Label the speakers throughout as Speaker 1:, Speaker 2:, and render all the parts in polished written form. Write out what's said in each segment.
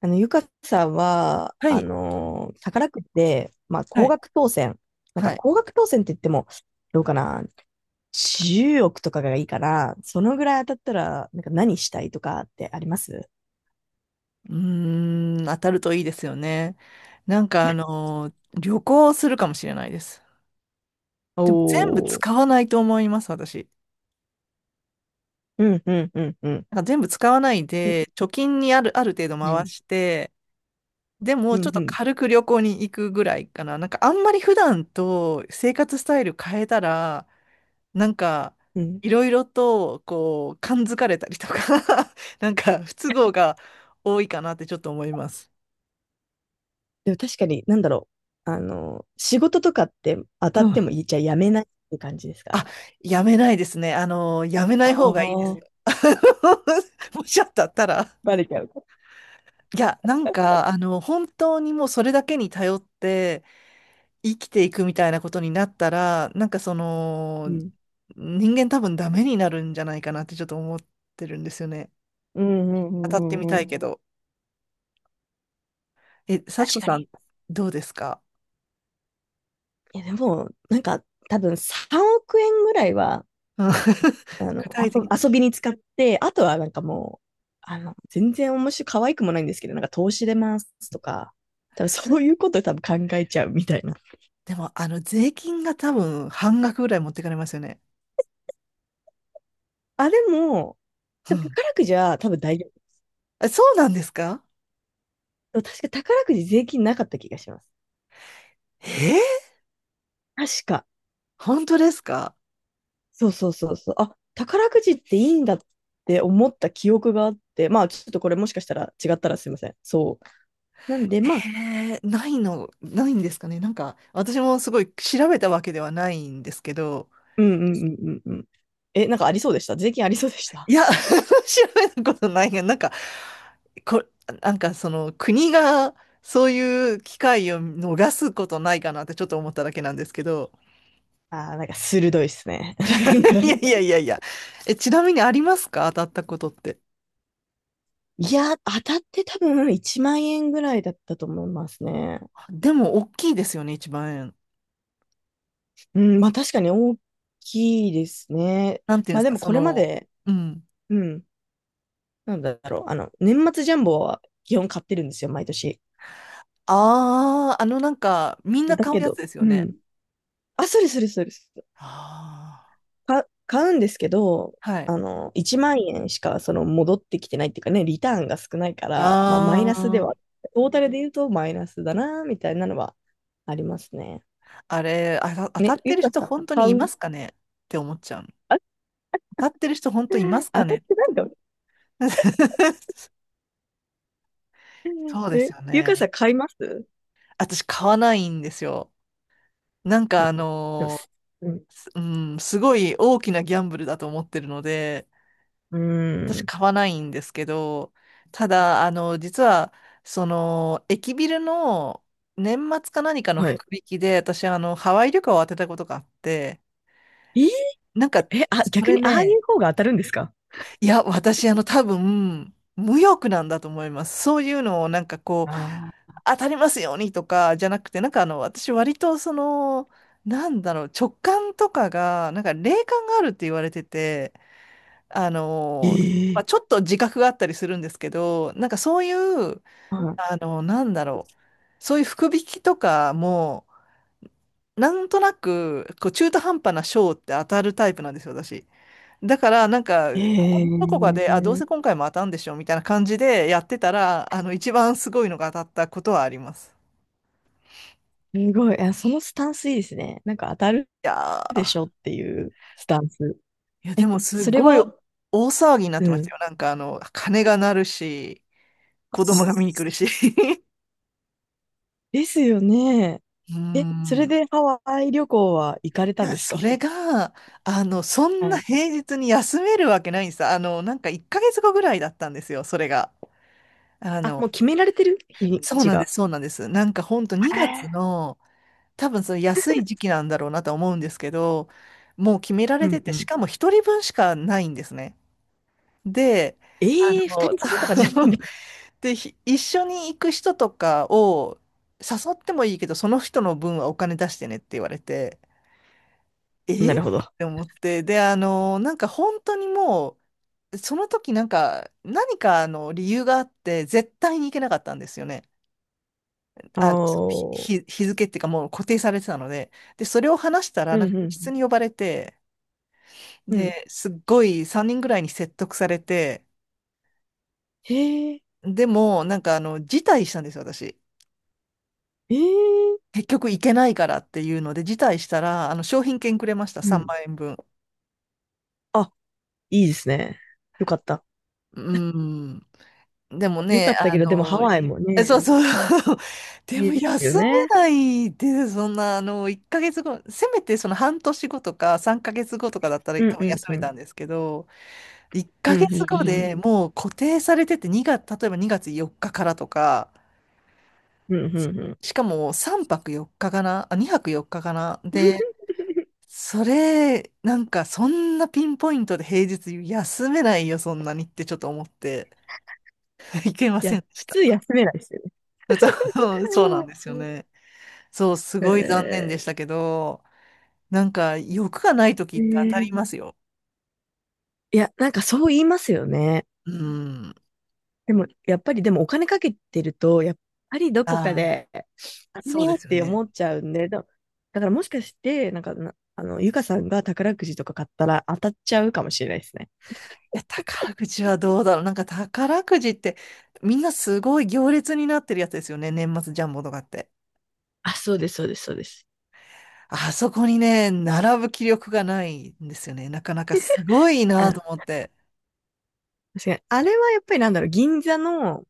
Speaker 1: ゆかさんは、
Speaker 2: はい、
Speaker 1: 宝くじで、まあ、
Speaker 2: は
Speaker 1: 高
Speaker 2: い、
Speaker 1: 額当選。なん
Speaker 2: は
Speaker 1: か、
Speaker 2: い。
Speaker 1: 高額当選って言っても、どうかな、10億とかがいいから、そのぐらい当たったら、なんか何したいとかってあります？
Speaker 2: うーん、当たるといいですよね。なんか旅行するかもしれないです。でも全部
Speaker 1: おー。
Speaker 2: 使わないと思います、私。
Speaker 1: うん、うん、うん、うん。
Speaker 2: なんか全部使わない
Speaker 1: うん、
Speaker 2: で、貯金にある程度
Speaker 1: う
Speaker 2: 回
Speaker 1: ん、
Speaker 2: して、で
Speaker 1: う
Speaker 2: もちょ
Speaker 1: ん、
Speaker 2: っ
Speaker 1: う
Speaker 2: と
Speaker 1: ん。
Speaker 2: 軽く旅行に行くぐらいかな。なんかあんまり普段と生活スタイル変えたら、なんか
Speaker 1: うん。
Speaker 2: いろいろとこう、感づかれたりとか なんか不都合が多いかなってちょっと思います。
Speaker 1: でも確かに、なんだろう。あの仕事とかって当た
Speaker 2: う
Speaker 1: っ
Speaker 2: ん、
Speaker 1: てもいいじゃあやめないって感じです
Speaker 2: あ、
Speaker 1: か？
Speaker 2: やめないですね。あの、やめな
Speaker 1: あ
Speaker 2: い方がいいで
Speaker 1: あ
Speaker 2: す
Speaker 1: ー、
Speaker 2: よ。もしあったったら。
Speaker 1: バレちゃうか。
Speaker 2: いや、なんか、あの、本当にもうそれだけに頼って生きていくみたいなことになったら、
Speaker 1: うん。
Speaker 2: 人間多分ダメになるんじゃないかなってちょっと思ってるんですよね。
Speaker 1: うん、うん、
Speaker 2: 当た
Speaker 1: う
Speaker 2: って
Speaker 1: ん、
Speaker 2: み
Speaker 1: う
Speaker 2: た
Speaker 1: ん。う
Speaker 2: い
Speaker 1: ん。
Speaker 2: けど。え、幸
Speaker 1: 確
Speaker 2: 子
Speaker 1: か
Speaker 2: さん、
Speaker 1: に。
Speaker 2: どうですか？
Speaker 1: いや、でも、なんか、多分3億円ぐらいは、
Speaker 2: うん。
Speaker 1: あ の、
Speaker 2: 具体的に。
Speaker 1: 遊遊びに使って、あとはなんかもう、全然面白い、可愛くもないんですけど、なんか投資でますとか、多分そういうこと考えちゃうみたいな。
Speaker 2: でも、あの、税金が多分半額ぐらい持ってかれますよね。
Speaker 1: あ、でも、
Speaker 2: うん。
Speaker 1: 宝くじは多分大丈
Speaker 2: え、そうなんですか？
Speaker 1: 夫。確か宝くじ税金なかった気がします。
Speaker 2: えー、
Speaker 1: 確か。
Speaker 2: 本当ですか？
Speaker 1: そうそうそうそう。あ、宝くじっていいんだって思った記憶があって、まあちょっとこれもしかしたら違ったらすいません。そう。なんで、まあ、
Speaker 2: えー、ないの、ないんですかね。なんか、私もすごい調べたわけではないんですけど、
Speaker 1: うんうんうんうんうん。え、なんかありそうでした？税金ありそうでし
Speaker 2: い
Speaker 1: た？
Speaker 2: や、調べたことないが、なんか、こ、なんかその国がそういう機会を逃すことないかなってちょっと思っただけなんですけど、
Speaker 1: あ、 あー、なんか鋭いっすね。なんか、
Speaker 2: いやいやいやいや、え、ちなみにありますか？当たったことって。
Speaker 1: いや、当たって多分1万円ぐらいだったと思いますね。
Speaker 2: でも、大きいですよね、一万円。
Speaker 1: うん、まあ確かに大きいですね。
Speaker 2: なんていうんで
Speaker 1: まあ
Speaker 2: す
Speaker 1: で
Speaker 2: か、
Speaker 1: も
Speaker 2: そ
Speaker 1: これま
Speaker 2: の、
Speaker 1: で、
Speaker 2: うん。
Speaker 1: うん、なんだろう、年末ジャンボは基本買ってるんですよ、毎年。
Speaker 2: ああ、あのなんか、みんな
Speaker 1: だ
Speaker 2: 買う
Speaker 1: け
Speaker 2: やつ
Speaker 1: ど、
Speaker 2: ですよ
Speaker 1: う
Speaker 2: ね。
Speaker 1: ん。あ、それそれそれ。
Speaker 2: ああ。
Speaker 1: 買うんですけど、
Speaker 2: はい。
Speaker 1: 1万円しかその戻ってきてないっていうかね、リターンが少ないから、まあ、マイナスで
Speaker 2: あ
Speaker 1: は、
Speaker 2: あ、
Speaker 1: トータルで言うとマイナスだな、みたいなのはありますね。
Speaker 2: あれ、あた、当た
Speaker 1: ね、
Speaker 2: って
Speaker 1: ゆ
Speaker 2: る
Speaker 1: か
Speaker 2: 人
Speaker 1: さん、
Speaker 2: 本当に
Speaker 1: 買
Speaker 2: い
Speaker 1: う？
Speaker 2: ますかねって思っちゃうの。
Speaker 1: あ、
Speaker 2: 当たってる人本当にいますか
Speaker 1: 当たっ
Speaker 2: ね？
Speaker 1: てないんだ。
Speaker 2: そうです
Speaker 1: え、
Speaker 2: よ
Speaker 1: ゆかさ
Speaker 2: ね。
Speaker 1: ん、買います？
Speaker 2: 私買わないんですよ。なん
Speaker 1: う
Speaker 2: か
Speaker 1: ん。
Speaker 2: あ
Speaker 1: でも、
Speaker 2: の
Speaker 1: す、うん。
Speaker 2: ー、すうん、すごい大きなギャンブルだと思ってるので、
Speaker 1: うー
Speaker 2: 私
Speaker 1: ん。
Speaker 2: 買わないんですけど、ただ、あの、実は、その、駅ビルの年末か何かの
Speaker 1: はい。
Speaker 2: 福引きで、私、あの、ハワイ旅行を当てたことがあって、
Speaker 1: えー。
Speaker 2: なんか、
Speaker 1: え、あ、
Speaker 2: そ
Speaker 1: 逆
Speaker 2: れ
Speaker 1: にああい
Speaker 2: ね、
Speaker 1: う方が当たるんですか？
Speaker 2: いや、私、あの、多分、無欲なんだと思います。そういうのを、なんかこう、
Speaker 1: ああ
Speaker 2: 当たりますようにとか、じゃなくて、なんかあの、私、割と、その、なんだろう、直感とかが、なんか霊感があるって言われてて、あ
Speaker 1: ー。
Speaker 2: の、
Speaker 1: え
Speaker 2: まあ、
Speaker 1: え。
Speaker 2: ちょっと自覚があったりするんですけど、なんかそういう、
Speaker 1: は
Speaker 2: あの、なんだろう、そういう福引きとかも、なんとなく、こう中途半端な賞って当たるタイプなんですよ、私。だから、なんか、
Speaker 1: い。
Speaker 2: ここ
Speaker 1: え
Speaker 2: どこかで、あ、どうせ
Speaker 1: え。
Speaker 2: 今回も当たんでしょ、みたいな感じでやってたら、あの、一番すごいのが当たったことはあります。
Speaker 1: すごい。あ、そのスタンスいいですね。なんか当たる
Speaker 2: いや
Speaker 1: でしょ
Speaker 2: ー、
Speaker 1: っていうスタンス。
Speaker 2: いや、で
Speaker 1: え、
Speaker 2: もす
Speaker 1: それ
Speaker 2: ごい
Speaker 1: は、
Speaker 2: 大騒ぎになっ
Speaker 1: う
Speaker 2: てました
Speaker 1: ん。
Speaker 2: よ。なんか、あの、鐘が鳴るし、子供が見に来るし。
Speaker 1: ですよね。
Speaker 2: うー
Speaker 1: え、それ
Speaker 2: ん。
Speaker 1: でハワイ旅行は行かれ
Speaker 2: い
Speaker 1: たん
Speaker 2: や、
Speaker 1: ですか？
Speaker 2: それが、あの、そん
Speaker 1: は
Speaker 2: な
Speaker 1: い。
Speaker 2: 平日に休めるわけないんです。あの、なんか1ヶ月後ぐらいだったんですよ、それが。あ
Speaker 1: あ、も
Speaker 2: の、
Speaker 1: う決められてる日にちが。
Speaker 2: そうなんです。なんか本当
Speaker 1: へ
Speaker 2: 2月
Speaker 1: え。
Speaker 2: の、多分その安い時期なんだろうなとは思うんですけど、もう決めら
Speaker 1: う
Speaker 2: れて
Speaker 1: ん
Speaker 2: て、
Speaker 1: う
Speaker 2: し
Speaker 1: ん。
Speaker 2: かも一人分しかないんですね。で、あ
Speaker 1: ええ、二
Speaker 2: の、
Speaker 1: 人ともとかじゃな
Speaker 2: そ
Speaker 1: いん
Speaker 2: う。
Speaker 1: だ。
Speaker 2: で、一緒に行く人とかを誘ってもいいけど、その人の分はお金出してねって言われて、
Speaker 1: な
Speaker 2: えっ
Speaker 1: るほど。あ。
Speaker 2: て思って、で、あの、なんか本当にもう、その時なんか、何かあの理由があって、絶対に行けなかったんですよね。あの、その日、日付っていうかもう固定されてたので、で、それを話したら、
Speaker 1: うん
Speaker 2: なん
Speaker 1: う
Speaker 2: か
Speaker 1: んう
Speaker 2: 室
Speaker 1: ん。
Speaker 2: に呼ばれて、
Speaker 1: うん。
Speaker 2: で、すっごい3人ぐらいに説得されて、
Speaker 1: へえ、
Speaker 2: でも、なんかあの、辞退したんですよ、私。
Speaker 1: ええ。
Speaker 2: 結局行けないからっていうので、辞退したら、あの、商品券くれました、
Speaker 1: う
Speaker 2: 3
Speaker 1: ん。
Speaker 2: 万円分。
Speaker 1: あ、いいですね。よかった。
Speaker 2: うん。でも
Speaker 1: よ
Speaker 2: ね、
Speaker 1: かった
Speaker 2: あ
Speaker 1: けど、でもハ
Speaker 2: の、
Speaker 1: ワイも
Speaker 2: え、
Speaker 1: ね、い
Speaker 2: でも
Speaker 1: いですよ
Speaker 2: 休め
Speaker 1: ね。
Speaker 2: ないで、そんな、あの、1ヶ月後、せめてその半年後とか3ヶ月後とかだったら
Speaker 1: う
Speaker 2: 多
Speaker 1: ん
Speaker 2: 分
Speaker 1: うん
Speaker 2: 休
Speaker 1: う
Speaker 2: め
Speaker 1: ん。
Speaker 2: たんですけど、1
Speaker 1: う
Speaker 2: ヶ
Speaker 1: んうんう
Speaker 2: 月後
Speaker 1: ん。
Speaker 2: でもう固定されてて2月、例えば2月4日かからとか、
Speaker 1: うんうんうん。
Speaker 2: しかも3泊4日かかな、あ、2泊4日かかな。で、
Speaker 1: い
Speaker 2: それ、なんかそんなピンポイントで平日休めないよ、そんなにってちょっと思って、いけません
Speaker 1: や、
Speaker 2: でし
Speaker 1: 普通
Speaker 2: た。
Speaker 1: 休めないですよね。
Speaker 2: そうなんですよ ね。そう、すごい残念
Speaker 1: え
Speaker 2: でしたけど、なんか欲がない時
Speaker 1: ー。
Speaker 2: っ
Speaker 1: え
Speaker 2: て当たります
Speaker 1: ー、
Speaker 2: よ。
Speaker 1: いや、なんかそう言いますよね。
Speaker 2: うん。
Speaker 1: でも、やっぱり、でもお金かけてると、やっぱりど
Speaker 2: あ
Speaker 1: こか
Speaker 2: あ、
Speaker 1: で、あれ
Speaker 2: そうで
Speaker 1: ねっ
Speaker 2: すよ
Speaker 1: て
Speaker 2: ね。
Speaker 1: 思っちゃうんで、だからもしかして、なんかな、ゆかさんが宝くじとか買ったら当たっちゃうかもしれないですね。
Speaker 2: いや、宝くじはどうだろう。なんか宝くじって、みんなすごい行列になってるやつですよね。年末ジャンボとかって。
Speaker 1: あ、そうです、そうです、そうです。
Speaker 2: あそこにね、並ぶ気力がないんですよね。なかなかすごい
Speaker 1: あ
Speaker 2: な
Speaker 1: の、
Speaker 2: と思って。
Speaker 1: 確かに。あれはやっぱりなんだろう、銀座の、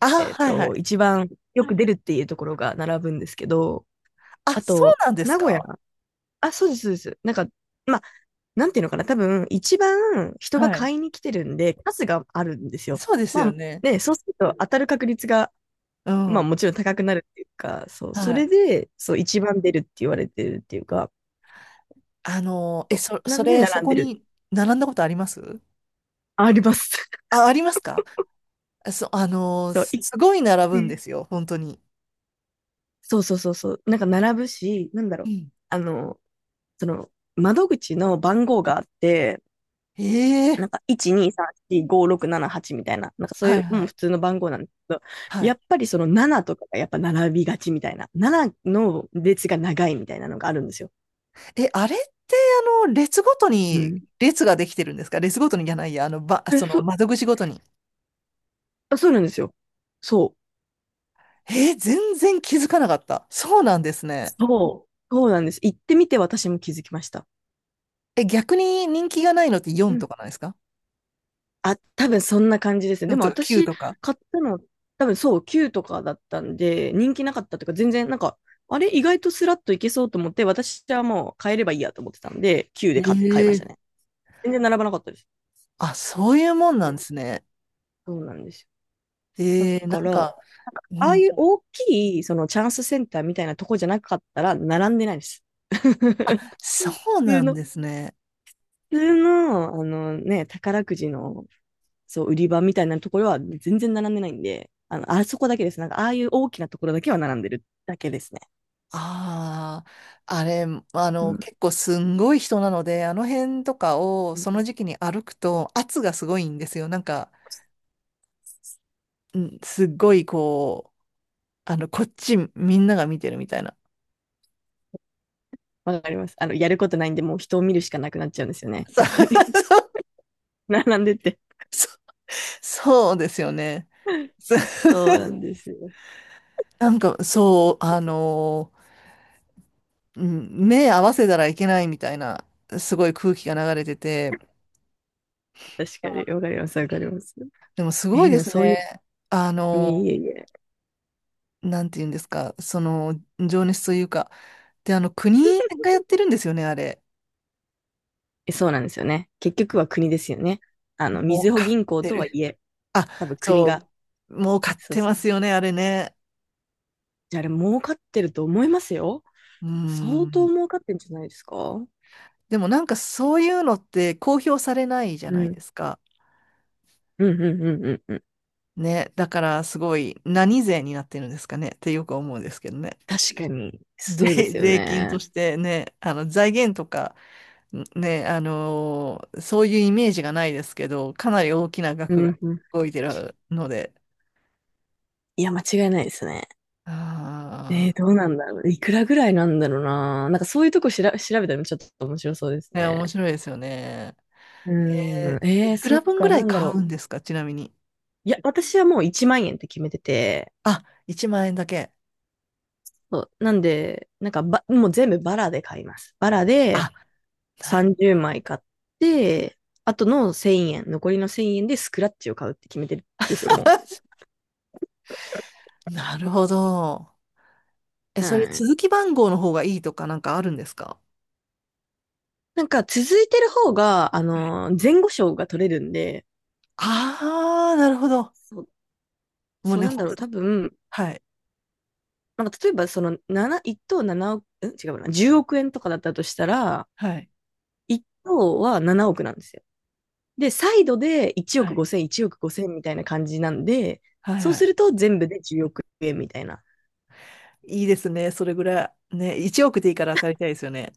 Speaker 2: あ、
Speaker 1: えっ
Speaker 2: はいは
Speaker 1: と、
Speaker 2: い。
Speaker 1: 一番よく出るっていうところが並ぶんですけど、
Speaker 2: あ、
Speaker 1: あ
Speaker 2: そう
Speaker 1: と、
Speaker 2: なんです
Speaker 1: 名古屋。
Speaker 2: か。
Speaker 1: あ、そうです、そうです。なんか、まあ、なんていうのかな、多分、一番人が
Speaker 2: はい。
Speaker 1: 買いに来てるんで、数があるんですよ。
Speaker 2: そうです
Speaker 1: ま
Speaker 2: よ
Speaker 1: あ、
Speaker 2: ね。
Speaker 1: ね、そうすると当たる確率が、
Speaker 2: う
Speaker 1: まあ、
Speaker 2: ん。
Speaker 1: もちろん高くなるっていうか、そう、そ
Speaker 2: は
Speaker 1: れ
Speaker 2: い。
Speaker 1: で、そう、一番出るって言われてるっていうか、
Speaker 2: あの、
Speaker 1: そうな
Speaker 2: そ
Speaker 1: んで
Speaker 2: れ、そ
Speaker 1: 並ん
Speaker 2: こ
Speaker 1: でる。
Speaker 2: に並んだことあります？
Speaker 1: あります。
Speaker 2: あ、ありますか？あの、
Speaker 1: そう、い、
Speaker 2: すごい並
Speaker 1: う
Speaker 2: ぶん
Speaker 1: ん、
Speaker 2: ですよ。本当に。
Speaker 1: そうそうそうそう、なんか並ぶし、なんだろ
Speaker 2: う
Speaker 1: う、
Speaker 2: ん。
Speaker 1: あの、その、窓口の番号があって、
Speaker 2: え
Speaker 1: な
Speaker 2: え、
Speaker 1: んか、1、2、3、4、5、6、7、8みたいな、なんかそう
Speaker 2: は
Speaker 1: い
Speaker 2: い
Speaker 1: う、う
Speaker 2: は
Speaker 1: ん、
Speaker 2: い。
Speaker 1: 普通の番号なんですけど、
Speaker 2: はい。
Speaker 1: やっぱりその7とかがやっぱ並びがちみたいな、7の列が長いみたいなのがあるんですよ。
Speaker 2: え、あれって、あの、列ごと
Speaker 1: う
Speaker 2: に
Speaker 1: ん。
Speaker 2: 列ができてるんですか？列ごとにじゃないや、あの、
Speaker 1: え、
Speaker 2: その
Speaker 1: そ、
Speaker 2: 窓口ごとに。
Speaker 1: あ、そうなんですよ。そう。
Speaker 2: えー、全然気づかなかった。そうなんですね。
Speaker 1: そう。そうなんです。行ってみて私も気づきました。
Speaker 2: え、逆に人気がないのって
Speaker 1: う
Speaker 2: 4と
Speaker 1: ん。
Speaker 2: かなんですか
Speaker 1: あ、多分そんな感じですね。で
Speaker 2: ?4
Speaker 1: も
Speaker 2: とか9
Speaker 1: 私
Speaker 2: とか。
Speaker 1: 買ったの、多分そう、9とかだったんで、人気なかったというか、全然なんか、あれ意外とスラッといけそうと思って、私はもう買えればいいやと思ってたんで、9
Speaker 2: へ
Speaker 1: で買いました
Speaker 2: え。
Speaker 1: ね。全然並ばなかったです。
Speaker 2: あ、そういうもんなんですね。
Speaker 1: そうなんですよ。
Speaker 2: えー
Speaker 1: だ
Speaker 2: な
Speaker 1: か
Speaker 2: ん
Speaker 1: ら、
Speaker 2: か、う
Speaker 1: ああい
Speaker 2: ん。
Speaker 1: う大きい、そのチャンスセンターみたいなとこじゃなかったら、並んでないです。
Speaker 2: あ、
Speaker 1: 普
Speaker 2: そうな
Speaker 1: 通
Speaker 2: ん
Speaker 1: の、
Speaker 2: ですね。
Speaker 1: 普通の、あのね、宝くじの、そう、売り場みたいなところは全然並んでないんで、あの、あそこだけです。なんか、ああいう大きなところだけは並んでるだけですね。
Speaker 2: ああ、あれ、あ
Speaker 1: う
Speaker 2: の、
Speaker 1: ん。
Speaker 2: 結構すんごい人なので、あの辺とかをその時期に歩くと圧がすごいんですよ。なんか、うんすっごいこう、あの、こっちみんなが見てるみたいな。
Speaker 1: わかります。あの、やることないんで、もう人を見るしかなくなっちゃうんですよね。
Speaker 2: そう。
Speaker 1: やっぱり。 並んでて。
Speaker 2: そうですよね。そう、
Speaker 1: そうなんですよ。
Speaker 2: なんか、そう、あの、うん、目合わせたらいけないみたいな、すごい空気が流れてて、
Speaker 1: 確かに。わかります。わかります。
Speaker 2: でもす
Speaker 1: え
Speaker 2: ご
Speaker 1: ー、
Speaker 2: い
Speaker 1: で
Speaker 2: で
Speaker 1: も
Speaker 2: す
Speaker 1: そういう、
Speaker 2: ね。あ
Speaker 1: いえ
Speaker 2: の、
Speaker 1: いえいえ。
Speaker 2: なんて言うんですか、その、情熱というか、で、あの、国がやっ てるんですよね、あれ。
Speaker 1: そうなんですよね。結局は国ですよね。あの、み
Speaker 2: 儲
Speaker 1: ずほ
Speaker 2: かっ
Speaker 1: 銀行
Speaker 2: て
Speaker 1: とは
Speaker 2: る。
Speaker 1: いえ、
Speaker 2: あ、
Speaker 1: 多分国
Speaker 2: そ
Speaker 1: が。
Speaker 2: う、儲かっ
Speaker 1: そう
Speaker 2: て
Speaker 1: そ
Speaker 2: ま
Speaker 1: うそ
Speaker 2: す
Speaker 1: う。
Speaker 2: よね、あれね。
Speaker 1: じゃああれ、儲かってると思いますよ。
Speaker 2: うー
Speaker 1: 相当
Speaker 2: ん。
Speaker 1: 儲かってんじゃないですか？うん。
Speaker 2: でもなんかそういうのって公表されないじゃ
Speaker 1: う
Speaker 2: ない
Speaker 1: ん
Speaker 2: ですか。
Speaker 1: うんうんうんうん。
Speaker 2: ね。だからすごい何税になってるんですかねってよく思うんですけどね。
Speaker 1: 確かに。
Speaker 2: で、
Speaker 1: そうで すよ
Speaker 2: 税金と
Speaker 1: ね。
Speaker 2: してね、あの財源とか、ね、あのー、そういうイメージがないですけど、かなり大きな
Speaker 1: う
Speaker 2: 額が
Speaker 1: んうん。
Speaker 2: 動いてるので、
Speaker 1: いや、間違いないですね。
Speaker 2: あ
Speaker 1: えー、どうなんだろう。いくらぐらいなんだろうな。なんかそういうとこしら調べたらちょっと面白そうです
Speaker 2: あ、ね、面
Speaker 1: ね。
Speaker 2: 白いですよね。
Speaker 1: う
Speaker 2: え
Speaker 1: ん。
Speaker 2: ー、
Speaker 1: えー、
Speaker 2: いく
Speaker 1: そ
Speaker 2: ら
Speaker 1: っ
Speaker 2: 分ぐ
Speaker 1: か、
Speaker 2: ら
Speaker 1: な
Speaker 2: い
Speaker 1: んだ
Speaker 2: 買
Speaker 1: ろ
Speaker 2: うん
Speaker 1: う。
Speaker 2: ですか？ちなみに。
Speaker 1: いや、私はもう1万円って決めてて、
Speaker 2: あ、1万円だけ。
Speaker 1: そうなんで、なんかば、もう全部バラで買います。バラで
Speaker 2: あ、なる、
Speaker 1: 30枚買って、あとの1000円、残りの1000円でスクラッチを買うって決めてるんですよ、も
Speaker 2: なるほど。え、
Speaker 1: う。う
Speaker 2: それ
Speaker 1: ん。
Speaker 2: 続き番号の方がいいとか、なんかあるんですか？
Speaker 1: なんか続いてる方が、あ
Speaker 2: はい。
Speaker 1: のー前後賞が取れるんで、
Speaker 2: ああー、なるほど。
Speaker 1: そう、
Speaker 2: もう
Speaker 1: そう
Speaker 2: ね、
Speaker 1: なん
Speaker 2: 本
Speaker 1: だろう、
Speaker 2: 当
Speaker 1: 多分、
Speaker 2: はい、
Speaker 1: なんか例えばその7、1等7億、ん違うな、10億円とかだったとしたら、
Speaker 2: はい、
Speaker 1: 1等は7億なんですよ。で、サイドで
Speaker 2: はい、
Speaker 1: 1億5千みたいな感じなんで、そうす
Speaker 2: は
Speaker 1: ると全部で10億円みたいな。
Speaker 2: い。いいですね。それぐらい。ね、1億でいいから当たりたいですよね。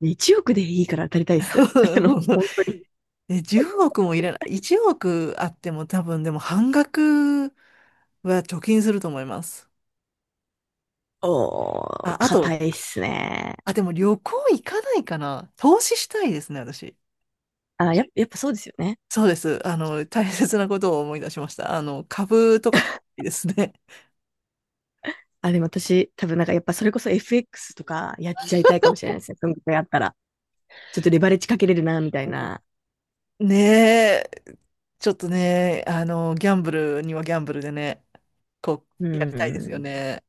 Speaker 1: で1億でいいから当たりたいっす。あの、本当に。
Speaker 2: ね、10億もいらない。1億あっても多分でも半額は貯金すると思います。
Speaker 1: おー、
Speaker 2: あ、あと、
Speaker 1: 硬いっすね。
Speaker 2: あ、でも旅行行かないかな。投資したいですね、私。
Speaker 1: あ、や、やっぱそうですよね。
Speaker 2: そうです。あの、大切なことを思い出しました。あの、株とか買いたいですね。
Speaker 1: あ、でも私、多分なんかやっぱそれこそ FX とかやっちゃいたいかもしれないですね。そのぐあったら。ちょっとレバレッジかけれるな、みたいな。
Speaker 2: ねえ、ちょっとね、あの、ギャンブルにはギャンブルでね、こ
Speaker 1: う
Speaker 2: やりたいですよ
Speaker 1: ん。
Speaker 2: ね。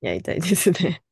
Speaker 1: やりたいですね。